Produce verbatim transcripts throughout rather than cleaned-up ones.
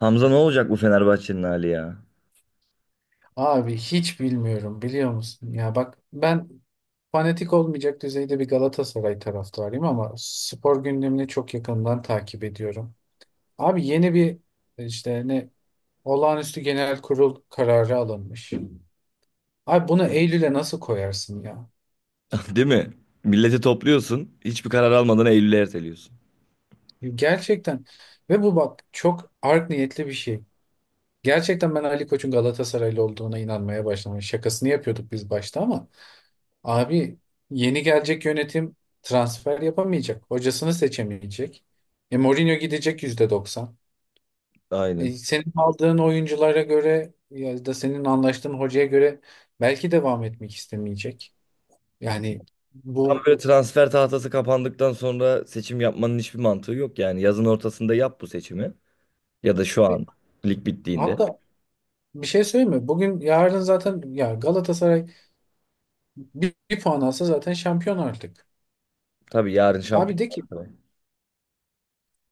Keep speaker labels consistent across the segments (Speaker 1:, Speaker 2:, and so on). Speaker 1: Hamza, ne olacak bu Fenerbahçe'nin hali ya?
Speaker 2: Abi hiç bilmiyorum biliyor musun? Ya bak ben fanatik olmayacak düzeyde bir Galatasaray taraftarıyım ama spor gündemini çok yakından takip ediyorum. Abi yeni bir işte ne olağanüstü genel kurul kararı alınmış. Abi bunu Eylül'e nasıl koyarsın ya?
Speaker 1: Değil mi? Milleti topluyorsun, hiçbir karar almadan Eylül'e erteliyorsun.
Speaker 2: Gerçekten ve bu bak çok art niyetli bir şey. Gerçekten ben Ali Koç'un Galatasaraylı olduğuna inanmaya başladım. Hani şakasını yapıyorduk biz başta ama abi yeni gelecek yönetim transfer yapamayacak. Hocasını seçemeyecek. E, Mourinho gidecek yüzde doksan. E,
Speaker 1: Aynen.
Speaker 2: senin aldığın oyunculara göre ya da senin anlaştığın hocaya göre belki devam etmek istemeyecek. Yani
Speaker 1: Tam
Speaker 2: bu
Speaker 1: böyle transfer tahtası kapandıktan sonra seçim yapmanın hiçbir mantığı yok yani. Yazın ortasında yap bu seçimi. Ya da şu an lig bittiğinde.
Speaker 2: hatta bir şey söyleyeyim mi? Bugün yarın zaten ya Galatasaray bir, bir puan alsa zaten şampiyon artık.
Speaker 1: Tabii yarın
Speaker 2: Abi de
Speaker 1: şampiyon.
Speaker 2: ki,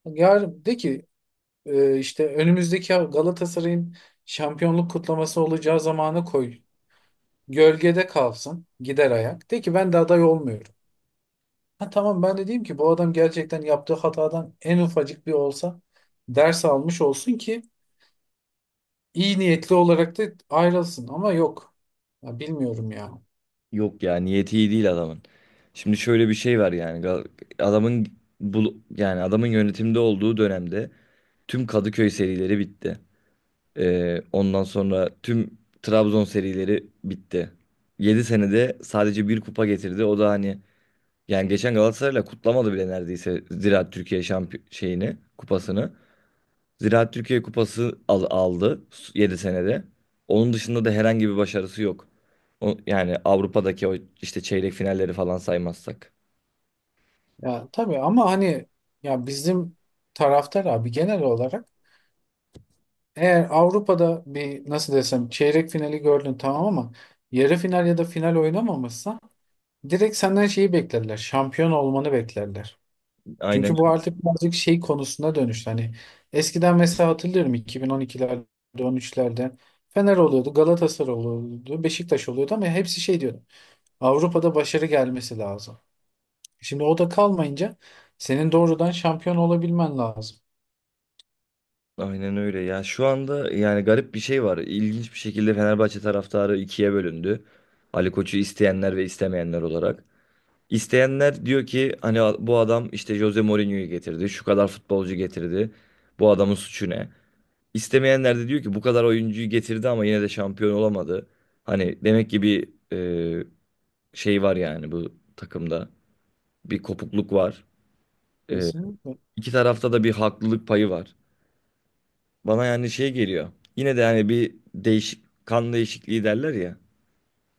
Speaker 2: yarın de ki, e, işte önümüzdeki Galatasaray'ın şampiyonluk kutlaması olacağı zamanı koy. Gölgede kalsın. Gider ayak. De ki ben de aday olmuyorum. Ha tamam, ben de diyeyim ki bu adam gerçekten yaptığı hatadan en ufacık bir olsa ders almış olsun ki iyi niyetli olarak da ayrılsın. Ama yok. Ya bilmiyorum ya.
Speaker 1: Yok ya, niyeti iyi değil adamın. Şimdi şöyle bir şey var yani. Gal- Adamın, bu yani adamın yönetimde olduğu dönemde tüm Kadıköy serileri bitti. Ee, ondan sonra tüm Trabzon serileri bitti. Yedi senede sadece bir kupa getirdi. O da hani, yani geçen Galatasaray'la kutlamadı bile neredeyse Ziraat Türkiye şampiyon şeyini, kupasını. Ziraat Türkiye kupası al- aldı yedi senede. Onun dışında da herhangi bir başarısı yok. O, yani Avrupa'daki o işte çeyrek finalleri falan saymazsak.
Speaker 2: Ya tabii, ama hani ya bizim taraftar abi genel olarak eğer Avrupa'da bir, nasıl desem, çeyrek finali gördün tamam ama yarı final ya da final oynamamışsa direkt senden şeyi beklerler. Şampiyon olmanı beklerler.
Speaker 1: Aynen
Speaker 2: Çünkü bu artık birazcık şey konusuna dönüştü. Hani eskiden mesela hatırlıyorum iki bin on ikilerde, on üçlerde Fener oluyordu, Galatasaray oluyordu, Beşiktaş oluyordu ama hepsi şey diyordu. Avrupa'da başarı gelmesi lazım. Şimdi o da kalmayınca senin doğrudan şampiyon olabilmen lazım.
Speaker 1: Aynen öyle. Ya şu anda yani garip bir şey var. İlginç bir şekilde Fenerbahçe taraftarı ikiye bölündü. Ali Koç'u isteyenler ve istemeyenler olarak. İsteyenler diyor ki hani bu adam işte Jose Mourinho'yu getirdi. Şu kadar futbolcu getirdi. Bu adamın suçu ne? İstemeyenler de diyor ki bu kadar oyuncuyu getirdi ama yine de şampiyon olamadı. Hani demek ki bir e, şey var yani bu takımda. Bir kopukluk var. E,
Speaker 2: Kesinlikle.
Speaker 1: iki tarafta da bir haklılık payı var. Bana yani şey geliyor. Yine de hani bir değişik, kan değişikliği derler ya.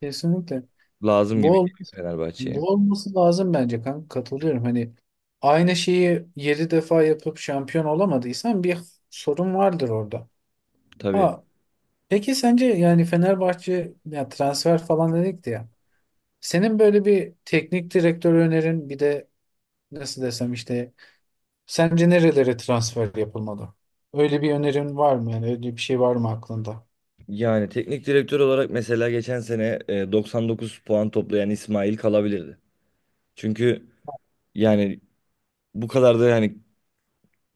Speaker 2: Kesinlikle.
Speaker 1: Lazım gibi
Speaker 2: Bu ol-
Speaker 1: geliyor Fenerbahçe'ye.
Speaker 2: Bu olması lazım bence kanka. Katılıyorum. Hani aynı şeyi yedi defa yapıp şampiyon olamadıysan bir sorun vardır orada.
Speaker 1: Tabii.
Speaker 2: Ha, peki sence yani Fenerbahçe ya, transfer falan dedik de ya. Senin böyle bir teknik direktör önerin, bir de nasıl desem işte sence nerelere transfer yapılmalı? Öyle bir önerin var mı, yani öyle bir şey var mı aklında?
Speaker 1: Yani teknik direktör olarak mesela geçen sene e, doksan dokuz puan toplayan İsmail kalabilirdi. Çünkü yani bu kadar da yani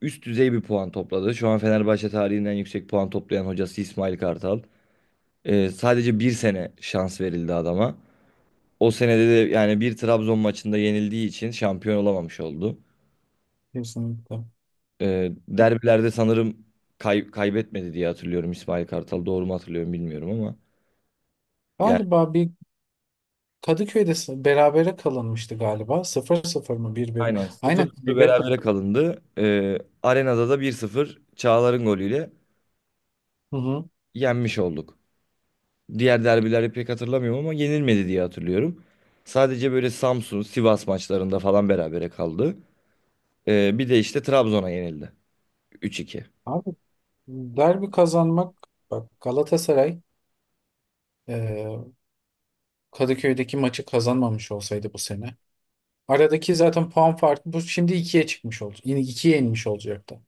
Speaker 1: üst düzey bir puan topladı. Şu an Fenerbahçe tarihinden yüksek puan toplayan hocası İsmail Kartal. E, sadece bir sene şans verildi adama. O senede de yani bir Trabzon maçında yenildiği için şampiyon olamamış oldu.
Speaker 2: Kesinlikle.
Speaker 1: Ee,
Speaker 2: Ya,
Speaker 1: derbilerde sanırım kay- kaybetmedi diye hatırlıyorum, İsmail Kartal. Doğru mu hatırlıyorum bilmiyorum ama. Yani
Speaker 2: galiba bir Kadıköy'de s- berabere kalınmıştı galiba. Sıfır sıfır mı, bir bire mi?
Speaker 1: aynen, sıfır
Speaker 2: Aynen
Speaker 1: sıfır
Speaker 2: kaybetme.
Speaker 1: berabere kalındı. Ee, arenada da bir sıfır Çağlar'ın golüyle
Speaker 2: Hı hı.
Speaker 1: yenmiş olduk. Diğer derbileri pek hatırlamıyorum ama yenilmedi diye hatırlıyorum. Sadece böyle Samsun, Sivas maçlarında falan berabere kaldı. Ee, bir de işte Trabzon'a yenildi. Üç iki.
Speaker 2: Abi derbi kazanmak, bak, Galatasaray e, Kadıköy'deki maçı kazanmamış olsaydı bu sene, aradaki zaten puan farkı bu şimdi ikiye çıkmış oldu. Yani ikiye inmiş olacaktı.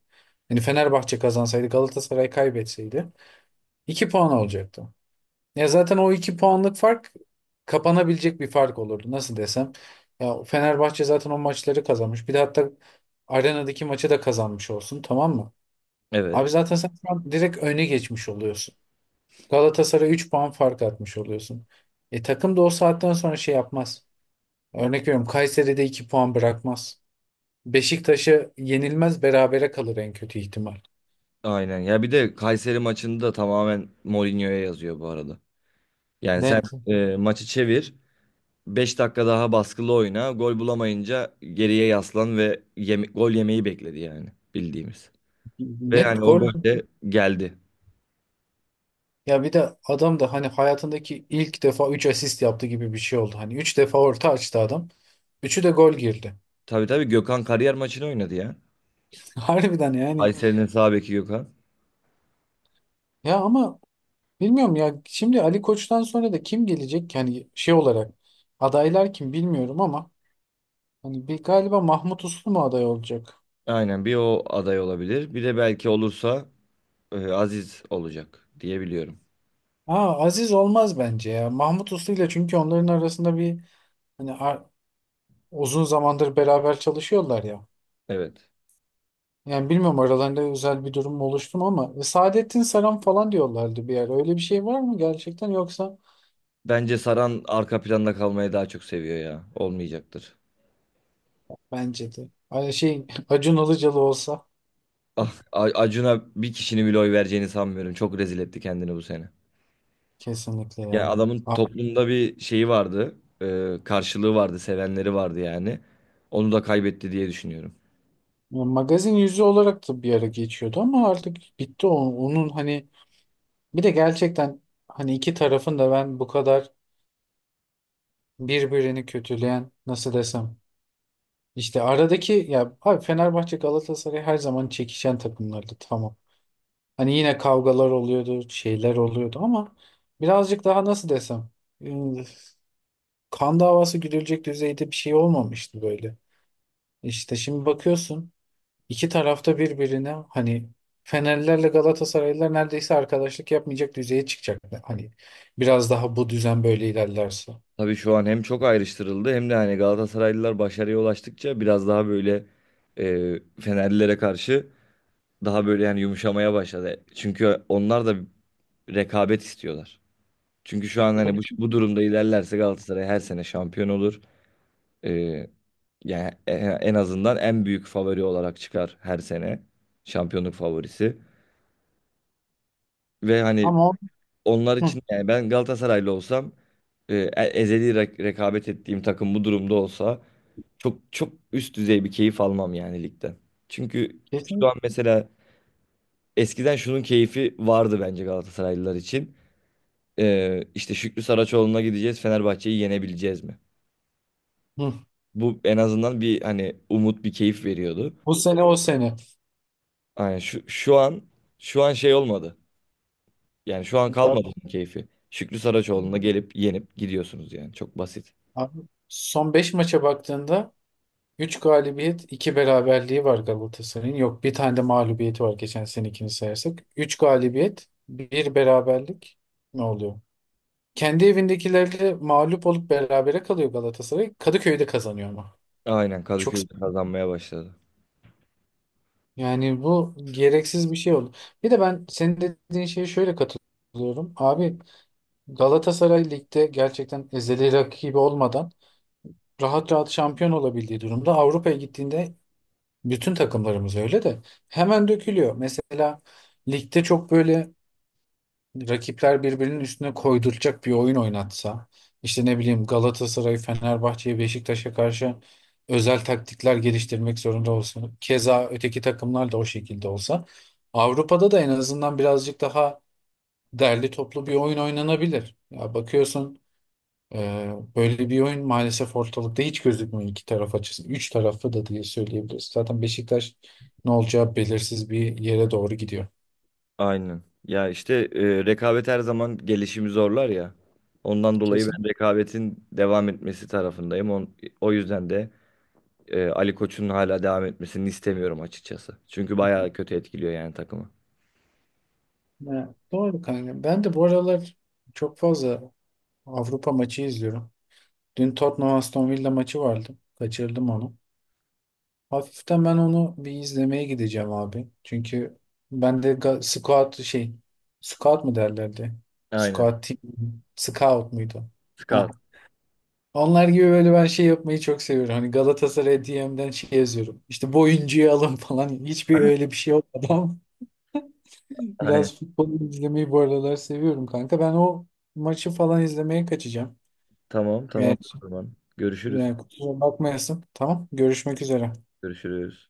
Speaker 2: Yani Fenerbahçe kazansaydı Galatasaray kaybetseydi iki puan olacaktı. Ya zaten o iki puanlık fark kapanabilecek bir fark olurdu. Nasıl desem? Ya Fenerbahçe zaten o maçları kazanmış. Bir de hatta arenadaki maçı da kazanmış olsun, tamam mı? Abi
Speaker 1: Evet.
Speaker 2: zaten sen şu an direkt öne geçmiş oluyorsun. Galatasaray üç puan fark atmış oluyorsun. E takım da o saatten sonra şey yapmaz. Örnek veriyorum, Kayseri'de iki puan bırakmaz. Beşiktaş'ı yenilmez, berabere kalır en kötü ihtimal.
Speaker 1: Aynen. Ya bir de Kayseri maçını da tamamen Mourinho'ya yazıyor bu arada. Yani sen
Speaker 2: Net.
Speaker 1: e, maçı çevir. Beş dakika daha baskılı oyna. Gol bulamayınca geriye yaslan ve yeme- gol yemeyi bekledi yani, bildiğimiz. Ve
Speaker 2: Net
Speaker 1: yani o
Speaker 2: gol.
Speaker 1: gol de geldi.
Speaker 2: Ya bir de adam da hani hayatındaki ilk defa üç asist yaptı gibi bir şey oldu. Hani üç defa orta açtı adam. Üçü de gol girdi.
Speaker 1: Tabii tabii, Gökhan kariyer maçını oynadı ya.
Speaker 2: Harbiden yani.
Speaker 1: Kayseri'nin sağ beki Gökhan.
Speaker 2: Ya ama bilmiyorum ya. Şimdi Ali Koç'tan sonra da kim gelecek? Yani şey olarak adaylar kim bilmiyorum ama hani bir galiba Mahmut Uslu mu aday olacak?
Speaker 1: Aynen, bir o aday olabilir. Bir de belki olursa e, Aziz olacak diye biliyorum.
Speaker 2: Aa, Aziz olmaz bence ya. Mahmut Uslu ile çünkü onların arasında bir, hani uzun zamandır beraber çalışıyorlar ya.
Speaker 1: Evet.
Speaker 2: Yani bilmiyorum aralarında özel bir durum mu oluştu mu ama e, Saadettin Saran falan diyorlardı bir ara. Öyle bir şey var mı gerçekten yoksa
Speaker 1: Bence Saran arka planda kalmayı daha çok seviyor ya. Olmayacaktır.
Speaker 2: bence de. Ay, şey Acun Ilıcalı olsa,
Speaker 1: Ah, A- Acun'a bir kişinin bile oy vereceğini sanmıyorum. Çok rezil etti kendini bu sene.
Speaker 2: kesinlikle
Speaker 1: Ya
Speaker 2: ya.
Speaker 1: adamın
Speaker 2: A-
Speaker 1: toplumda bir şeyi vardı. E, karşılığı vardı, sevenleri vardı yani. Onu da kaybetti diye düşünüyorum.
Speaker 2: Magazin yüzü olarak da bir ara geçiyordu ama artık bitti o. Onun hani bir de gerçekten hani iki tarafın da ben bu kadar birbirini kötüleyen, nasıl desem, işte aradaki, ya abi Fenerbahçe Galatasaray her zaman çekişen takımlardı tamam. Hani yine kavgalar oluyordu, şeyler oluyordu ama birazcık daha nasıl desem ıı, kan davası güdülecek düzeyde bir şey olmamıştı böyle. İşte şimdi bakıyorsun iki tarafta birbirine, hani Fenerlilerle Galatasaraylılar neredeyse arkadaşlık yapmayacak düzeye çıkacak. Hani biraz daha bu düzen böyle ilerlerse.
Speaker 1: Tabii şu an hem çok ayrıştırıldı, hem de hani Galatasaraylılar başarıya ulaştıkça biraz daha böyle e, Fenerlilere karşı daha böyle yani yumuşamaya başladı. Çünkü onlar da rekabet istiyorlar. Çünkü şu an hani
Speaker 2: Tabii
Speaker 1: bu,
Speaker 2: ki.
Speaker 1: bu durumda ilerlerse Galatasaray her sene şampiyon olur. E, Yani en, en azından en büyük favori olarak çıkar her sene. Şampiyonluk favorisi. Ve hani
Speaker 2: Ama o-
Speaker 1: onlar
Speaker 2: hı,
Speaker 1: için, yani ben Galatasaraylı olsam e, e- ezeli re- rekabet ettiğim takım bu durumda olsa çok çok üst düzey bir keyif almam yani ligden. Çünkü şu
Speaker 2: kesin.
Speaker 1: an mesela, eskiden şunun keyfi vardı bence Galatasaraylılar için. E, işte Şükrü Saraçoğlu'na gideceğiz, Fenerbahçe'yi yenebileceğiz mi?
Speaker 2: Hı,
Speaker 1: Bu en azından bir hani umut, bir keyif veriyordu.
Speaker 2: bu sene o sene.
Speaker 1: Yani şu, şu an, şu an şey olmadı. Yani şu an kalmadı onun keyfi. Şükrü Saraçoğlu'na gelip yenip gidiyorsunuz, yani çok basit.
Speaker 2: Abi, son beş maça baktığında üç galibiyet, iki beraberliği var Galatasaray'ın. Yok, bir tane de mağlubiyeti var geçen senekini sayarsak. Üç galibiyet, bir beraberlik, ne oluyor? Kendi evindekilerle mağlup olup berabere kalıyor Galatasaray. Kadıköy'de kazanıyor ama.
Speaker 1: Aynen,
Speaker 2: Çok s-
Speaker 1: Kadıköy'de kazanmaya başladı.
Speaker 2: Yani bu gereksiz bir şey oldu. Bir de ben senin dediğin şeye şöyle katılıyorum. Abi Galatasaray ligde gerçekten ezeli rakibi olmadan rahat rahat şampiyon olabildiği durumda Avrupa'ya gittiğinde, bütün takımlarımız öyle de, hemen dökülüyor. Mesela ligde çok böyle rakipler birbirinin üstüne koyduracak bir oyun oynatsa, işte ne bileyim, Galatasaray, Fenerbahçe'ye, Beşiktaş'a karşı özel taktikler geliştirmek zorunda olsun. Keza öteki takımlar da o şekilde olsa Avrupa'da da en azından birazcık daha derli toplu bir oyun oynanabilir. Ya bakıyorsun, ee, böyle bir oyun maalesef ortalıkta hiç gözükmüyor iki taraf açısından. Üç tarafı da diye söyleyebiliriz. Zaten Beşiktaş ne olacağı belirsiz bir yere doğru gidiyor.
Speaker 1: Aynen. Ya işte e, rekabet her zaman gelişimi zorlar ya. Ondan dolayı ben
Speaker 2: Kesin.
Speaker 1: rekabetin devam etmesi tarafındayım. On, o yüzden de e, Ali Koç'un hala devam etmesini istemiyorum açıkçası. Çünkü bayağı kötü etkiliyor yani takımı.
Speaker 2: Ya, doğru kanka. Ben de bu aralar çok fazla Avrupa maçı izliyorum. Dün Tottenham Aston Villa maçı vardı. Kaçırdım onu. Hafiften ben onu bir izlemeye gideceğim abi. Çünkü ben de ga- scout, şey, scout mu derlerdi?
Speaker 1: Aynen.
Speaker 2: Scout team, scout muydu?
Speaker 1: Scout.
Speaker 2: Heh, onlar gibi böyle ben şey yapmayı çok seviyorum. Hani Galatasaray D M'den şey yazıyorum. İşte bu oyuncuyu alın falan. Hiçbir öyle bir şey olmadı ama
Speaker 1: Aynen.
Speaker 2: biraz futbol izlemeyi bu aralar seviyorum kanka. Ben o maçı falan izlemeye kaçacağım.
Speaker 1: Tamam tamam,
Speaker 2: Yani,
Speaker 1: o zaman. Görüşürüz.
Speaker 2: yani kusura bakmayasın. Tamam. Görüşmek üzere.
Speaker 1: Görüşürüz.